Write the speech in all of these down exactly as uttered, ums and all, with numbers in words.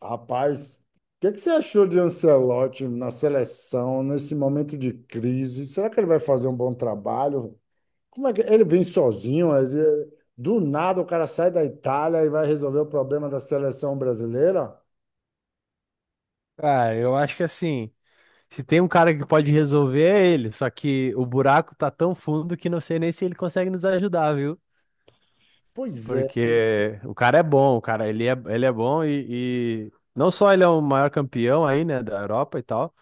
Rapaz, o que que você achou de Ancelotti na seleção, nesse momento de crise? Será que ele vai fazer um bom trabalho? Como é que ele vem sozinho? Ele- Do nada o cara sai da Itália e vai resolver o problema da seleção brasileira? Cara, eu acho que assim, se tem um cara que pode resolver é ele, só que o buraco tá tão fundo que não sei nem se ele consegue nos ajudar, viu? Pois é, Porque o cara é bom, o cara, ele é, ele é bom e, e não só ele é o maior campeão aí, né, da Europa e tal,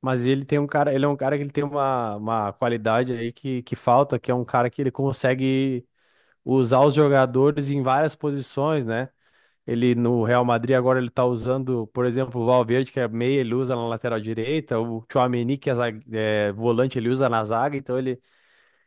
mas ele tem um cara, ele é um cara que ele tem uma, uma qualidade aí que, que falta, que é um cara que ele consegue usar os jogadores em várias posições, né? Ele no Real Madrid agora ele tá usando, por exemplo, o Valverde, que é meia, ele usa na lateral direita, o Tchouaméni, que é, zague- é volante, ele usa na zaga, então ele,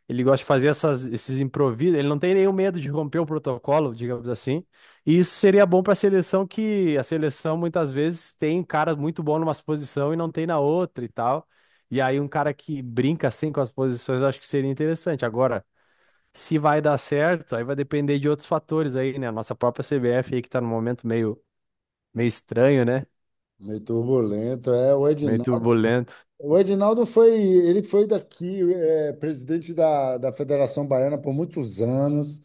ele gosta de fazer essas, esses improvisos, ele não tem nenhum medo de romper o protocolo, digamos assim. E isso seria bom para a seleção, que a seleção muitas vezes tem cara muito bom numa posição e não tem na outra e tal. E aí um cara que brinca assim com as posições, eu acho que seria interessante. Agora, se vai dar certo, aí vai depender de outros fatores aí, né? A nossa própria C B F aí que tá no momento meio Meio estranho, né? meio turbulento. É, o Meio Edinaldo, turbulento. o Edinaldo foi, ele foi daqui, é, presidente da, da Federação Baiana por muitos anos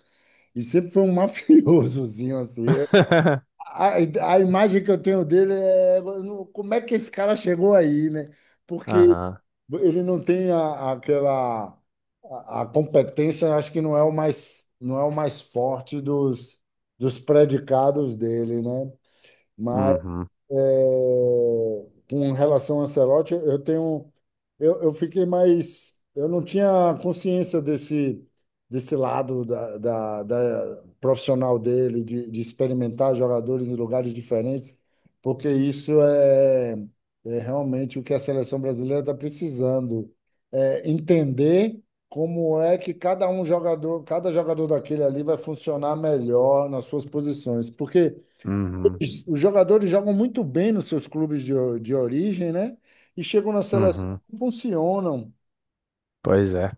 e sempre foi um mafiosozinho assim. A, a imagem que eu tenho dele é no- como é que esse cara chegou aí, né? Porque Aham. ele não tem a- aquela a, a competência, acho que não é o mais não é o mais forte dos, dos predicados dele, né? Uhum. É, com relação a Ancelotti, eu tenho, eu, eu fiquei mais, eu não tinha consciência desse, desse lado da, da, da profissional dele, de, de experimentar jogadores em lugares diferentes, porque isso é, é realmente o que a seleção brasileira está precisando, é entender como é que cada um jogador, cada jogador daquele ali vai funcionar melhor nas suas posições, porque Uhum. os jogadores jogam muito bem nos seus clubes de, o- de origem, né? E chegam na seleção Uhum. e funcionam. Pois é.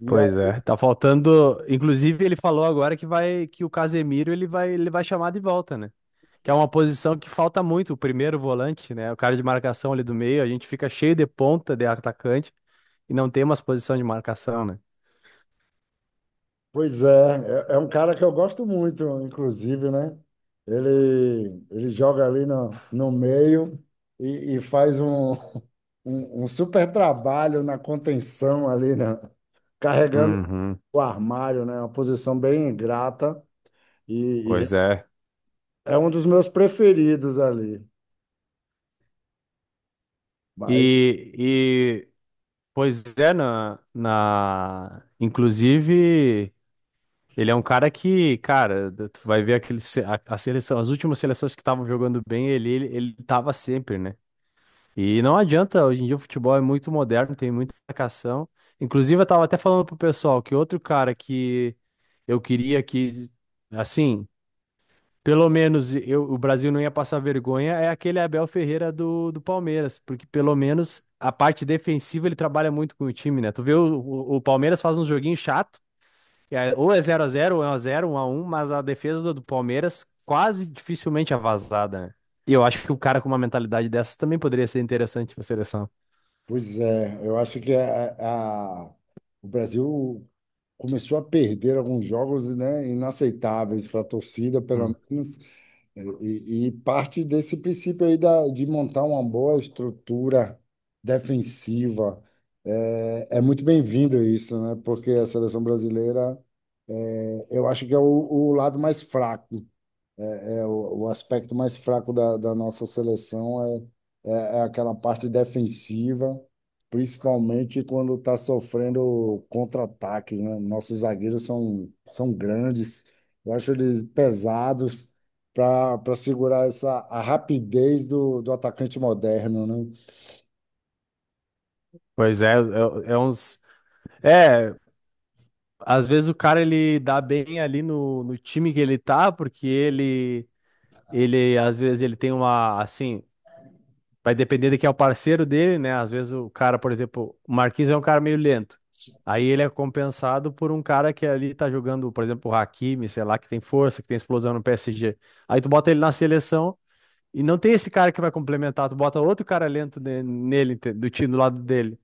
E a- Pois é. Tá faltando. Inclusive, ele falou agora que vai que o Casemiro ele vai ele vai chamar de volta, né? Que é uma posição que falta muito, o primeiro volante, né? O cara de marcação ali do meio, a gente fica cheio de ponta de atacante e não tem umas posição de marcação, né? Pois é, é, é um cara que eu gosto muito, inclusive, né? Ele, ele joga ali no, no meio e, e faz um, um, um super trabalho na contenção ali, né? Carregando Uhum. o armário, né? Uma posição bem ingrata e, e Pois é. é um dos meus preferidos ali. E, e pois é, na, na inclusive. Ele é um cara que, cara, tu vai ver aquele, se- a, a seleção, as últimas seleções que estavam jogando bem, ele, ele, ele tava sempre, né? E não adianta, hoje em dia o futebol é muito moderno, tem muita marcação. Inclusive, eu tava até falando pro pessoal que outro cara que eu queria que, assim, pelo menos eu, o Brasil não ia passar vergonha é aquele Abel Ferreira do, do Palmeiras, porque pelo menos a parte defensiva ele trabalha muito com o time, né? Tu vê o, o, o Palmeiras faz uns joguinhos chatos que é- ou é zero a zero ou é um a zero, um a um, mas a defesa do do Palmeiras quase dificilmente é vazada, né? E eu acho que o cara com uma mentalidade dessa também poderia ser interessante pra seleção. Pois é, eu acho que a, a- o Brasil começou a perder alguns jogos, né, inaceitáveis para a torcida, pelo Hum. menos, e, e parte desse princípio aí da, de montar uma boa estrutura defensiva. É, é muito bem-vindo isso, né, porque a seleção brasileira, é, eu acho que é o, o lado mais fraco. É, O, o aspecto mais fraco da, da nossa seleção é, é, é aquela parte defensiva, principalmente quando está sofrendo contra-ataques, né? Nossos zagueiros são, são grandes, eu acho eles pesados para para segurar essa a rapidez do, do atacante moderno, né? Pois é, é, é uns. É, às vezes o cara ele dá bem ali no, no time que ele tá, porque ele, ele, às vezes, ele tem uma, assim, vai depender de quem é o parceiro dele, né? Às vezes o cara, por exemplo, o Marquinhos é um cara meio lento. Aí ele é compensado por um cara que ali tá jogando, por exemplo, o Hakimi, sei lá, que tem força, que tem explosão no P S G. Aí tu bota ele na seleção e não tem esse cara que vai complementar, tu bota outro cara lento ne- nele, ente- do time do lado dele.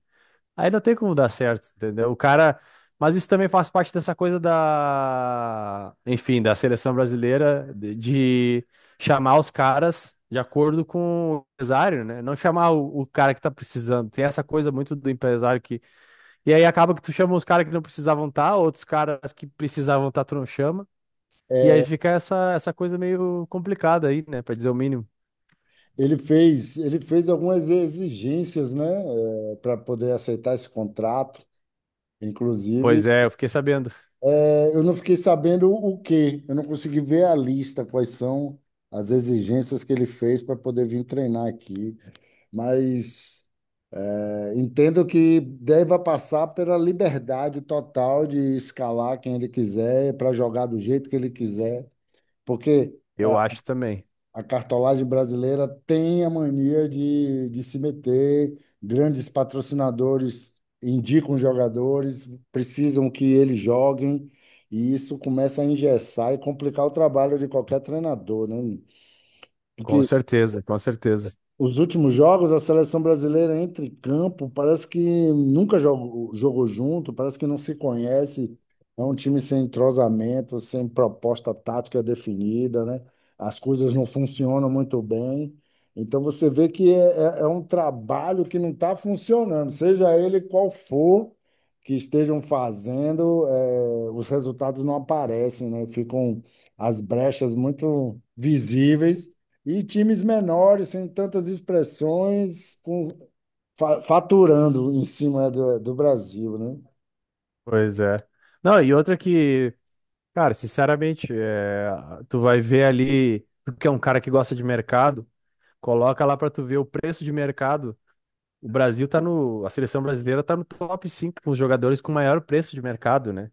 Aí não tem como dar certo, entendeu? O cara. Mas isso também faz parte dessa coisa da. Enfim, da seleção brasileira de de chamar os caras de acordo com o empresário, né? Não chamar o, o cara que tá precisando. Tem essa coisa muito do empresário que. E aí acaba que tu chama os caras que não precisavam estar, outros caras que precisavam estar, tu não chama. E aí fica essa, essa coisa meio complicada aí, né? Pra dizer o mínimo. Ele fez, ele fez algumas exigências, né, para poder aceitar esse contrato. Inclusive, Pois é, eu fiquei sabendo. eu não fiquei sabendo o quê. Eu não consegui ver a lista, quais são as exigências que ele fez para poder vir treinar aqui. Mas é, entendo que deva passar pela liberdade total de escalar quem ele quiser, para jogar do jeito que ele quiser. Porque Eu acho também. a cartolagem brasileira tem a mania de, de se meter, grandes patrocinadores indicam jogadores, precisam que eles joguem, e isso começa a engessar e complicar o trabalho de qualquer treinador, né? Com Porque certeza, com certeza. os últimos jogos, a seleção brasileira entra em campo, parece que nunca jogou, jogou junto, parece que não se conhece. É um time sem entrosamento, sem proposta tática definida, né? As coisas não funcionam muito bem. Então você vê que é, é- é um trabalho que não está funcionando, seja ele qual for que estejam fazendo, eh, os resultados não aparecem, né? Ficam as brechas muito visíveis e times menores, sem tantas expressões, com, fa- faturando em cima do, do Brasil, né? Pois é. Não, e outra que, cara, sinceramente, é, tu vai ver ali, porque é um cara que gosta de mercado, coloca lá pra tu ver o preço de mercado. O Brasil tá no, a seleção brasileira tá no top cinco com os jogadores com maior preço de mercado, né?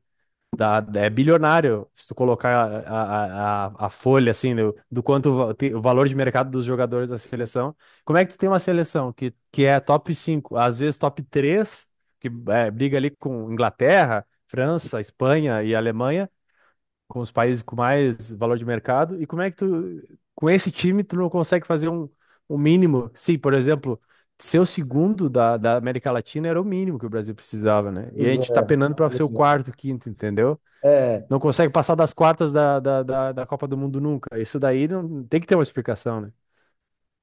da- É bilionário. Se tu colocar a, a, a, a folha, assim, do, do quanto va- tem- o valor de mercado dos jogadores da seleção. Como é que tu tem uma seleção que, que é top cinco, às vezes top três que é, briga ali com Inglaterra, França, Espanha e Alemanha, com os países com mais valor de mercado? E como é que tu, com esse time, tu não consegue fazer um, um mínimo? Sim, por exemplo. Ser o segundo da, da América Latina era o mínimo que o Brasil precisava, né? E a Pois gente tá é. penando para ser o quarto, quinto, entendeu? É, Não consegue passar das quartas da, da, da, da Copa do Mundo nunca. Isso daí não tem que ter uma explicação, né?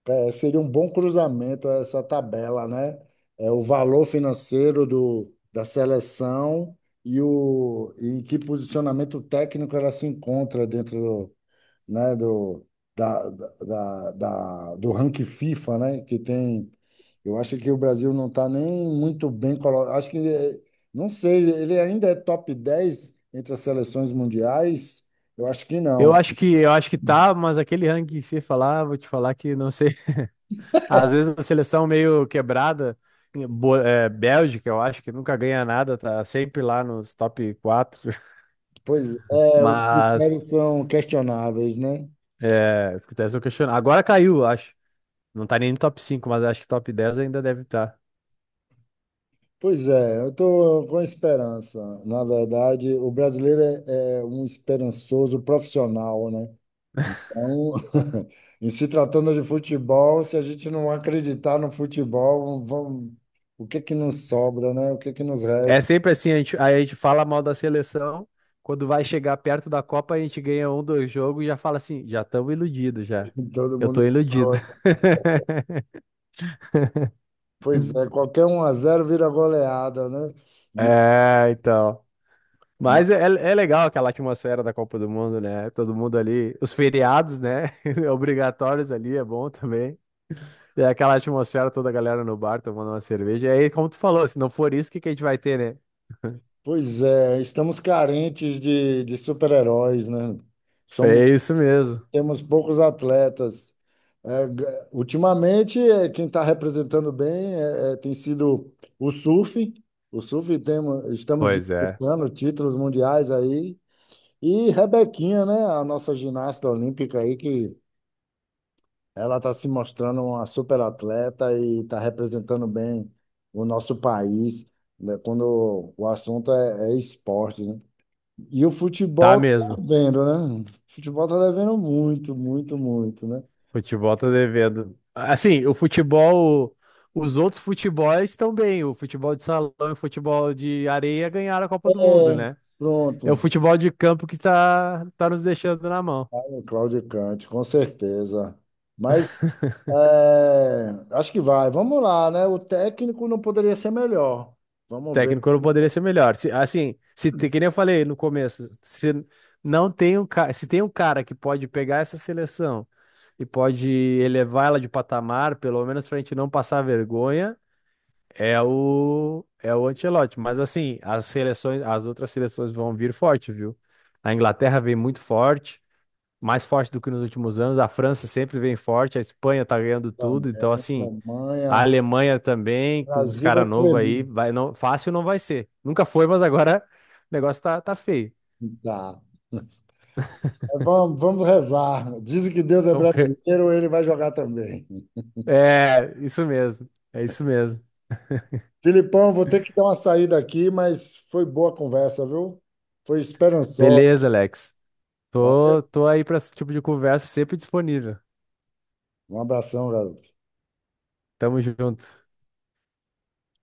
é, é, seria um bom cruzamento essa tabela, né? É o valor financeiro do, da seleção e o e em que posicionamento técnico ela se encontra dentro né, do, da, da, da, da- do ranking FIFA, né, que tem. Eu acho que o Brasil não está nem muito bem colocado. Acho que, ele- não sei, ele ainda é top dez entre as seleções mundiais? Eu acho que Eu não. acho que eu acho que tá, mas aquele ranking FIFA lá, vou te falar que não sei. Às vezes a seleção meio quebrada, Bo- é, Bélgica, eu acho que nunca ganha nada, tá sempre lá nos top quatro. Pois é, os Mas critérios são questionáveis, né? é, se critérios são questionados. Agora caiu, eu acho. Não tá nem no top cinco, mas acho que top dez ainda deve estar. Pois é, eu estou com esperança. Na verdade, o brasileiro é, é um esperançoso profissional, né? Então, em se tratando de futebol, se a gente não acreditar no futebol, vamos, o que é que nos sobra, né? O que é que nos É resta? sempre assim, a gente, aí a gente fala mal da seleção, quando vai chegar perto da Copa, a gente ganha um, dois jogos e já fala assim, já estamos iludidos já. Todo Eu tô mundo. iludido. Pois é, qualquer um a zero vira goleada, né? E- É, então. ma- Mas é, é é legal aquela atmosfera da Copa do Mundo, né? Todo mundo ali, os feriados, né? Obrigatórios ali, é bom também. É aquela atmosfera, toda a galera no bar tomando uma cerveja. E aí, como tu falou, se não for isso, o que que a gente vai ter, né? Pois é, estamos carentes de, de super-heróis, né? Somos É isso mesmo. temos poucos atletas. É, g- ultimamente, é, quem está representando bem é, é, tem sido o surf. O surf temos, estamos Pois é, disputando títulos mundiais aí. E Rebequinha, né? A nossa ginasta olímpica aí, que ela está se mostrando uma super atleta e está representando bem o nosso país, né, quando o assunto é, é esporte, né? E o tá futebol tá mesmo. devendo, né? O futebol tá devendo muito, muito, muito, né? Futebol tá devendo. Assim, o futebol, os outros futebols estão bem. O futebol de salão e o futebol de areia ganharam a Copa do Mundo, É, né? É o pronto. futebol de campo que tá, tá nos deixando na mão. O Cláudio Cante, com certeza. Mas é, acho que vai. Vamos lá, né? O técnico não poderia ser melhor. Vamos ver se Técnico não ele poderia ser melhor. Se- assim, se te- que nem eu falei no começo, se não tem um cara, se tem um cara que pode pegar essa seleção e pode elevar ela de patamar, pelo menos pra gente não passar vergonha, É o é o Ancelotti, mas assim, as seleções, as outras seleções vão vir forte, viu? A Inglaterra vem muito forte, mais forte do que nos últimos anos, a França sempre vem forte, a Espanha tá ganhando tudo, então também. assim, a Alemanha. Alemanha também, com os Brasil vai caras novos premiar. aí, vai não, fácil não vai ser. Nunca foi, mas agora o negócio tá, tá feio. Tá. Mas vamos, vamos rezar. Dizem que Deus é Vamos ver. brasileiro, ele vai jogar também. É, isso mesmo. É isso mesmo. Filipão, vou ter que dar uma saída aqui, mas foi boa a conversa, viu? Foi esperançosa. Beleza, Alex. Valeu. Tô, tô aí pra esse tipo de conversa sempre disponível. Um abração, garoto. Tamo junto.